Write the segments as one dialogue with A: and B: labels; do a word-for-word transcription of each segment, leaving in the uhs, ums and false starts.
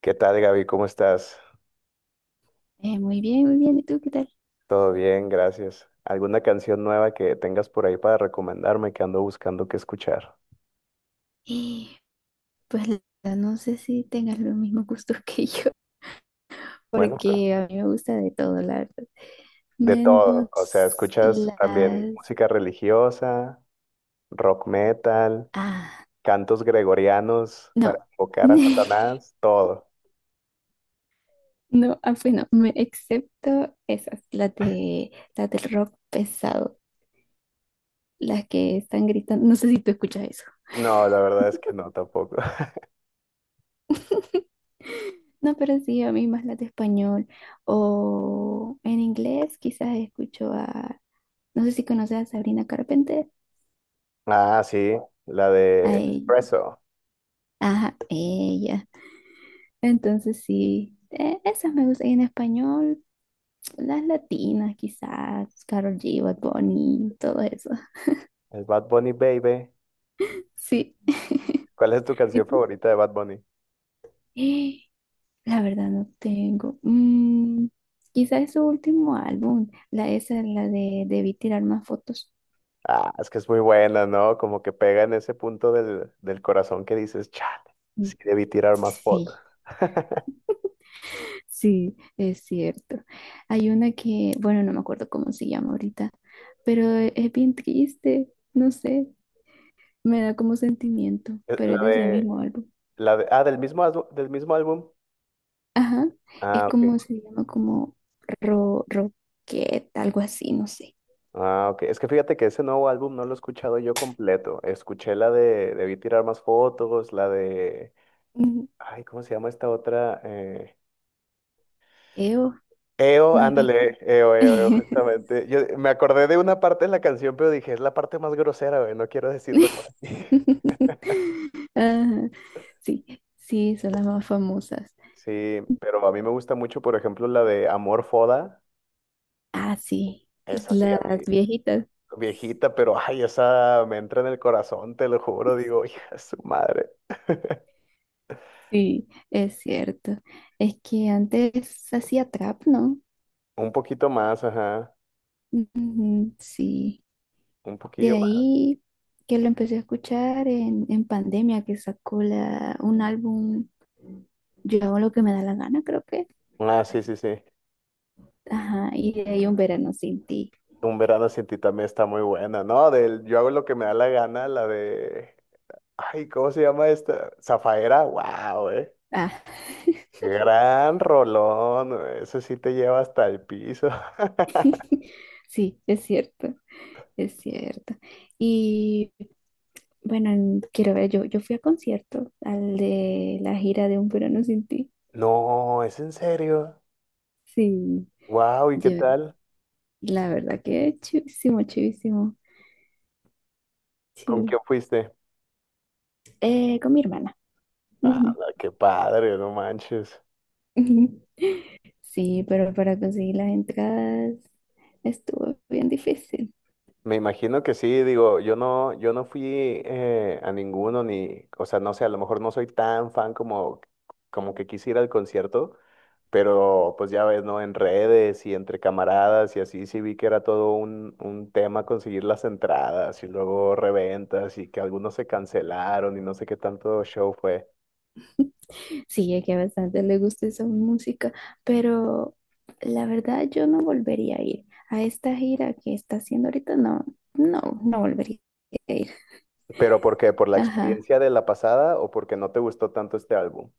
A: ¿Qué tal, Gaby? ¿Cómo estás?
B: Eh, muy bien, muy bien. ¿Y tú qué tal?
A: Todo bien, gracias. ¿Alguna canción nueva que tengas por ahí para recomendarme que ando buscando qué escuchar?
B: Eh, pues la verdad, no sé si tengas los mismos gustos que yo,
A: Bueno, pero
B: porque a mí me gusta de todo, la verdad.
A: de todo. O sea,
B: Menos
A: escuchas
B: las...
A: también música religiosa, rock metal,
B: Ah,
A: cantos gregorianos para
B: no.
A: invocar a Satanás, todo.
B: No, ah, pues no, me, excepto esas, las de, las del rock pesado, las que están gritando. No sé si tú escuchas eso.
A: No, la verdad es que no, tampoco.
B: No, pero sí, a mí más las de español o en inglés, quizás escucho a, no sé si conoces a Sabrina Carpenter,
A: Ah, sí, la de
B: a
A: Espresso,
B: ajá, ella. Entonces sí, eh, esas me gustan y en español, las latinas quizás, Karol G, Bad Bunny, todo eso.
A: el Bad Bunny Baby.
B: Sí.
A: ¿Cuál es tu
B: ¿Y
A: canción
B: tú?
A: favorita de Bad Bunny?
B: La verdad no tengo. Mm, quizás su último álbum, la esa, la de Debí tirar más fotos.
A: Ah, es que es muy buena, ¿no? Como que pega en ese punto del, del corazón que dices, chale, sí
B: Mm,
A: debí tirar más
B: sí,
A: fotos.
B: sí, es cierto. Hay una que, bueno, no me acuerdo cómo se llama ahorita, pero eh, es bien triste, no sé. Me da como sentimiento,
A: Es
B: pero es
A: la
B: de ese
A: de,
B: mismo álbum.
A: la de, ah, del mismo, álbu- del mismo álbum.
B: Ajá, es
A: Ah, ok.
B: como se llama como ro, roquette, algo así, no sé.
A: Ah, ok. Es que fíjate que ese nuevo álbum no lo he escuchado yo completo. Escuché la de, debí tirar más fotos, la de,
B: Ujú.
A: ay, ¿cómo se llama esta otra? Eh,
B: Eo,
A: EO,
B: no es.
A: ándale, EO, EO, EO, justamente. Yo me acordé de una parte de la canción, pero dije, es la parte más grosera, güey, no quiero decirlo por aquí.
B: Ajá, sí, sí, son las más famosas.
A: Sí, pero a mí me gusta mucho, por ejemplo, la de Amor Foda.
B: Ah, sí,
A: Esa sí, a mí,
B: las viejitas.
A: viejita, pero ay, esa me entra en el corazón, te lo juro. Digo, hija, de su madre.
B: Sí, es cierto. Es que antes hacía trap, ¿no?
A: Un poquito más, ajá.
B: Ujú, sí.
A: Un poquillo
B: De
A: más.
B: ahí que lo empecé a escuchar en, en pandemia, que sacó la, un álbum, yo hago lo que me da la gana, creo que.
A: Ah, sí, sí, sí.
B: Ajá, y de ahí un verano sin ti.
A: Un verano sin ti también está muy buena, ¿no? Del yo hago lo que me da la gana, la de. Ay, ¿cómo se llama esta? Zafaera, wow, eh.
B: Ah,
A: Gran rolón, güey, eso sí te lleva hasta el piso.
B: sí, es cierto, es cierto. Y bueno, en- quiero ver, yo, yo fui a concierto, al de la gira de Un verano sin ti.
A: No, es en serio.
B: Sí,
A: Wow, ¿y qué
B: yo,
A: tal?
B: la verdad que chivísimo, chivísimo,
A: ¿Con
B: sí.
A: quién fuiste?
B: Eh, con mi hermana.
A: Ah,
B: Ujú.
A: qué padre, no manches.
B: Sí, pero para conseguir las entradas estuvo bien difícil.
A: Me imagino que sí, digo, yo no, yo no fui eh, a ninguno ni, o sea, no sé, a lo mejor no soy tan fan como, como que quisiera el concierto, pero pues ya ves, ¿no? En redes y entre camaradas y así sí vi que era todo un, un tema conseguir las entradas y luego reventas y que algunos se cancelaron y no sé qué tanto show fue.
B: Sí, es que a bastante le gusta esa música, pero la verdad yo no volvería a ir a esta gira que está haciendo ahorita. No, no, no volvería a ir.
A: ¿Pero por qué? ¿Por la
B: Ajá.
A: experiencia de la pasada o porque no te gustó tanto este álbum?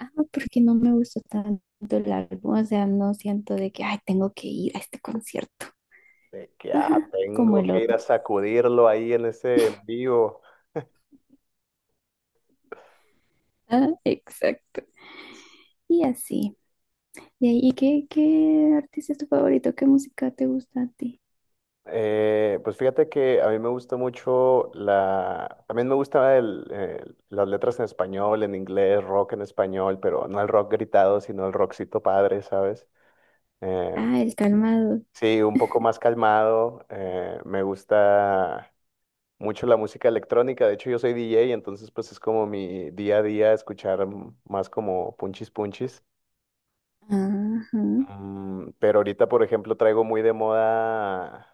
B: Ah, porque no me gustó tanto el álbum, o sea, no siento de que, ay, tengo que ir a este concierto.
A: De que ah,
B: Ajá, como
A: tengo
B: el
A: que ir a
B: otro.
A: sacudirlo ahí en ese en vivo.
B: Ah, exacto. Y así. ¿Y ahí qué, qué artista es tu favorito? ¿Qué música te gusta a ti?
A: Eh, pues fíjate que a mí me gusta mucho la... También me gusta el, el- las letras en español, en inglés, rock en español, pero no el rock gritado, sino el rockcito padre, ¿sabes? Eh,
B: Ah, el calmado.
A: sí, un poco más calmado. Eh, me gusta mucho la música electrónica. De hecho, yo soy D J, entonces pues es como mi día a día escuchar mm, más como punchis punchis.
B: Ajá.
A: Mm, pero ahorita, por ejemplo, traigo muy de moda.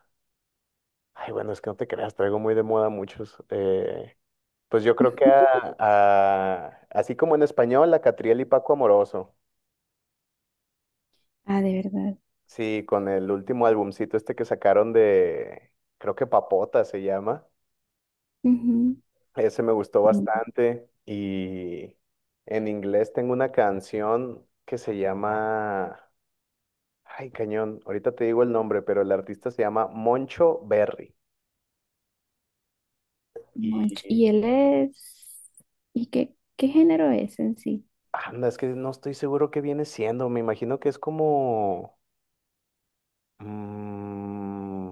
A: Ay, bueno, es que no te creas, traigo muy de moda muchos. Eh, pues yo creo que a- a- así como en español, a Catriel y Paco Amoroso.
B: Ah, de verdad.
A: Sí, con el último albumcito este que sacaron de, creo que Papota se llama.
B: Ujú.
A: Ese me gustó
B: Mm,
A: bastante. Y en inglés tengo una canción que se llama. Ay, cañón, ahorita te digo el nombre, pero el artista se llama Moncho Berry.
B: Monch.
A: Y
B: Y él es... ¿Y qué, qué género es en sí?
A: Anda, es que no estoy seguro qué viene siendo. Me imagino que es como... mm,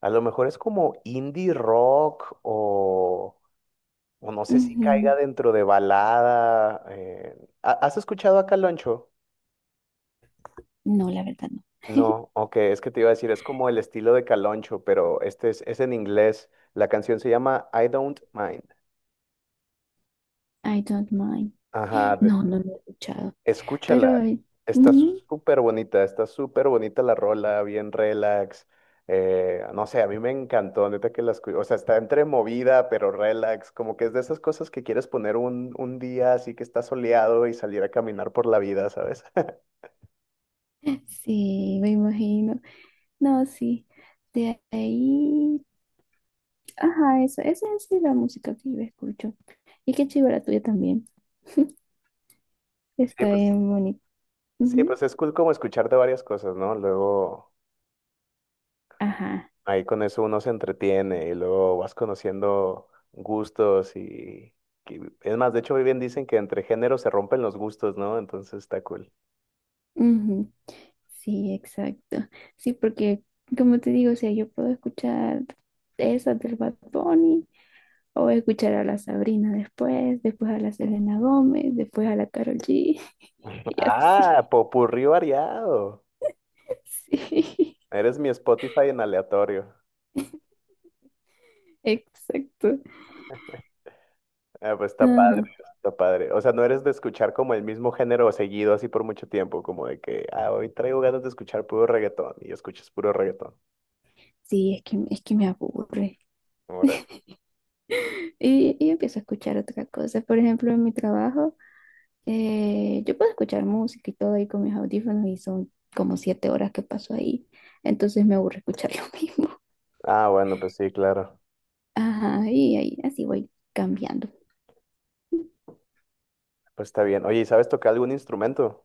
A: a lo mejor es como indie rock o, o no sé si
B: Ujú.
A: caiga dentro de balada. eh, ¿ha- ¿Has escuchado a Caloncho?
B: No, la verdad no.
A: No, ok, es que te iba a decir, es como el estilo de Caloncho, pero este es, es en inglés. La canción se llama I Don't Mind.
B: I don't mind.
A: Ajá,
B: No, no lo he escuchado.
A: escúchala,
B: Pero
A: está
B: ujú,
A: súper bonita, está súper bonita la rola, bien relax. Eh, no sé, a mí me encantó, neta que la escu- o sea, está entre movida, pero relax, como que es de esas cosas que quieres poner un, un día así que está soleado y salir a caminar por la vida, ¿sabes?
B: sí, me imagino. No, sí. De ahí. Ajá, eso. Esa es la música que yo escucho. Y qué chiva la tuya también.
A: Sí,
B: Está
A: pues,
B: bien bonito.
A: sí,
B: Ujú,
A: pues es cool como escucharte varias cosas, ¿no? Luego
B: ajá.
A: ahí con eso uno se entretiene y luego vas conociendo gustos y... y- Es más, de hecho, hoy bien dicen que entre géneros se rompen los gustos, ¿no? Entonces está cool.
B: Ujú, sí, exacto. Sí, porque como te digo, o sea, yo puedo escuchar esas del Bad Bunny o escuchar a la Sabrina después, después a la Selena Gómez, después a la Karol G. Sí,
A: Ah, popurrí variado.
B: sí,
A: Eres mi Spotify en aleatorio.
B: exacto.
A: Ah, pues está padre,
B: Ajá.
A: está padre. O sea, no eres de escuchar como el mismo género seguido así por mucho tiempo, como de que, ah, hoy traigo ganas de escuchar puro reggaetón y escuchas puro reggaetón.
B: Sí, es que, es que me aburre.
A: Órale.
B: Y, y empiezo a escuchar otra cosa. Por ejemplo, en mi trabajo, eh, yo puedo escuchar música y todo ahí con mis audífonos y son como siete horas que paso ahí. Entonces me aburre escuchar lo mismo.
A: Ah, bueno, pues sí, claro.
B: Ajá, y ahí así voy cambiando.
A: Pues está bien. Oye, ¿y sabes tocar algún instrumento?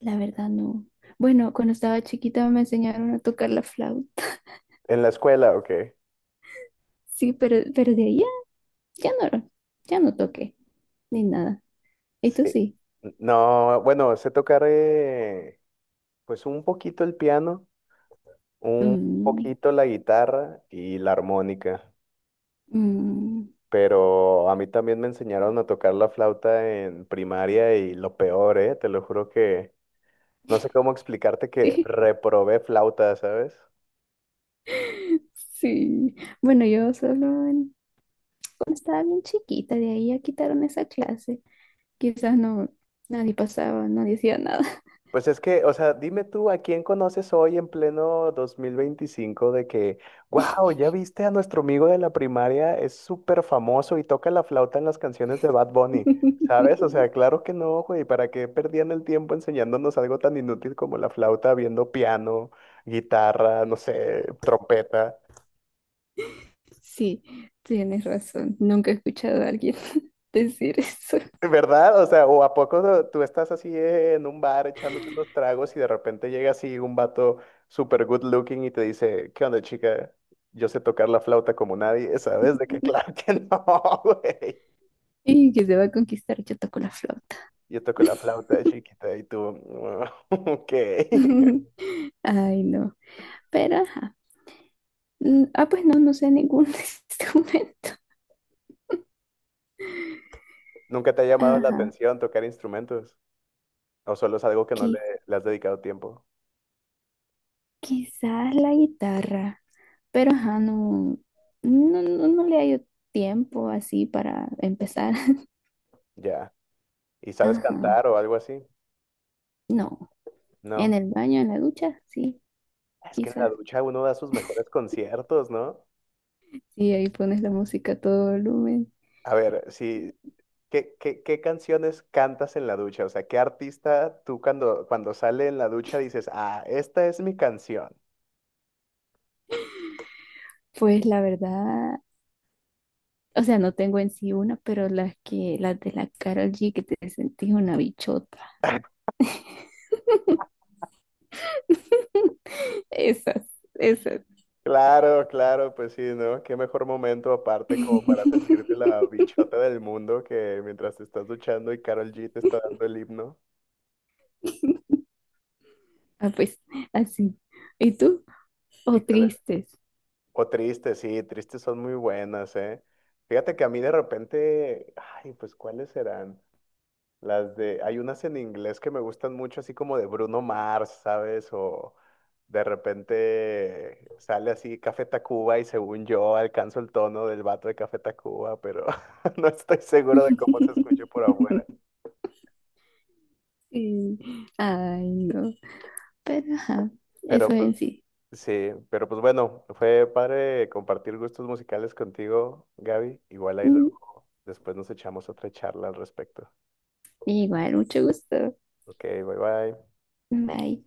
B: La verdad no. Bueno, cuando estaba chiquita me enseñaron a tocar la flauta.
A: ¿En la escuela o qué?
B: Sí, pero, pero de ahí ya, ya no, ya no toqué ni nada. Esto
A: Sí.
B: sí.
A: N- No, bueno, sé tocar eh, pues un poquito el piano, un
B: Mm,
A: poquito la guitarra y la armónica.
B: mm,
A: Pero a mí también me enseñaron a tocar la flauta en primaria y lo peor, ¿eh? Te lo juro que no sé cómo explicarte que
B: sí,
A: reprobé flauta, ¿sabes?
B: sí. Bueno, yo solo en- cuando estaba bien chiquita, de ahí ya quitaron esa clase. Quizás no, nadie pasaba, nadie hacía nada.
A: Pues es que, o sea, dime tú, ¿a quién conoces hoy en pleno dos mil veinticinco de que, wow, ya viste a nuestro amigo de la primaria, es súper famoso y toca la flauta en las canciones de Bad Bunny, ¿sabes? O sea, claro que no, güey, ¿para qué perdían el tiempo enseñándonos algo tan inútil como la flauta, viendo piano, guitarra, no sé, trompeta?
B: Sí, tienes razón. Nunca he escuchado a alguien decir eso.
A: ¿Verdad? O sea, ¿o a poco no- tú estás así en un bar echándote unos tragos y de repente llega así un vato super good looking y te dice, ¿qué onda, chica? Yo sé tocar la flauta como nadie, ¿sabes? De que claro que no, güey.
B: Y que se va a conquistar yo toco la flauta.
A: Yo toco la flauta chiquita y tú, "Mm, ok.
B: Ay, no. Pero, ajá. Mm, ah, pues no, no sé ningún instrumento.
A: ¿Nunca te ha llamado la
B: Ajá.
A: atención tocar instrumentos? ¿O solo es algo que no le,
B: Qui-
A: le has dedicado tiempo?
B: quizás la guitarra. Pero, ajá, no, no, no, no le hallo tiempo así para empezar.
A: Ya. ¿Y sabes
B: Ajá.
A: cantar o algo así?
B: No. En
A: No.
B: el baño, en la ducha, sí,
A: Es que en la
B: quizás.
A: ducha uno da sus mejores conciertos, ¿no?
B: Sí, ahí pones la música a todo volumen.
A: A ver, si, ¿qué, qué, qué canciones cantas en la ducha? O sea, ¿qué artista tú cuando, cuando sale en la ducha dices, ah, esta es mi canción?
B: Pues la verdad, o sea, no tengo en sí una, pero las que, las de la Karol G que te sentís una bichota. Esas, esas.
A: Claro, claro, pues sí, ¿no? Qué mejor momento aparte como para sentirte la bichota del mundo que mientras te estás duchando y Karol G te está dando el himno.
B: Ah, pues, así. ¿Y tú? ¿O
A: Híjole.
B: tristes?
A: O tristes sí, tristes son muy buenas, ¿eh? Fíjate que a mí de repente, ay, pues ¿cuáles serán? Las de, hay unas en inglés que me gustan mucho, así como de Bruno Mars, ¿sabes? O de repente sale así Café Tacuba y según yo alcanzo el tono del vato de Café Tacuba, pero no estoy seguro de cómo se escucha por afuera.
B: Sí. Ay, no. Pero ajá, eso
A: Pero pues
B: en sí.
A: sí, pero pues bueno, fue padre compartir gustos musicales contigo, Gaby. Igual ahí
B: Mm,
A: luego, después nos echamos otra charla al respecto.
B: igual, mucho gusto.
A: Ok, bye bye.
B: Bye.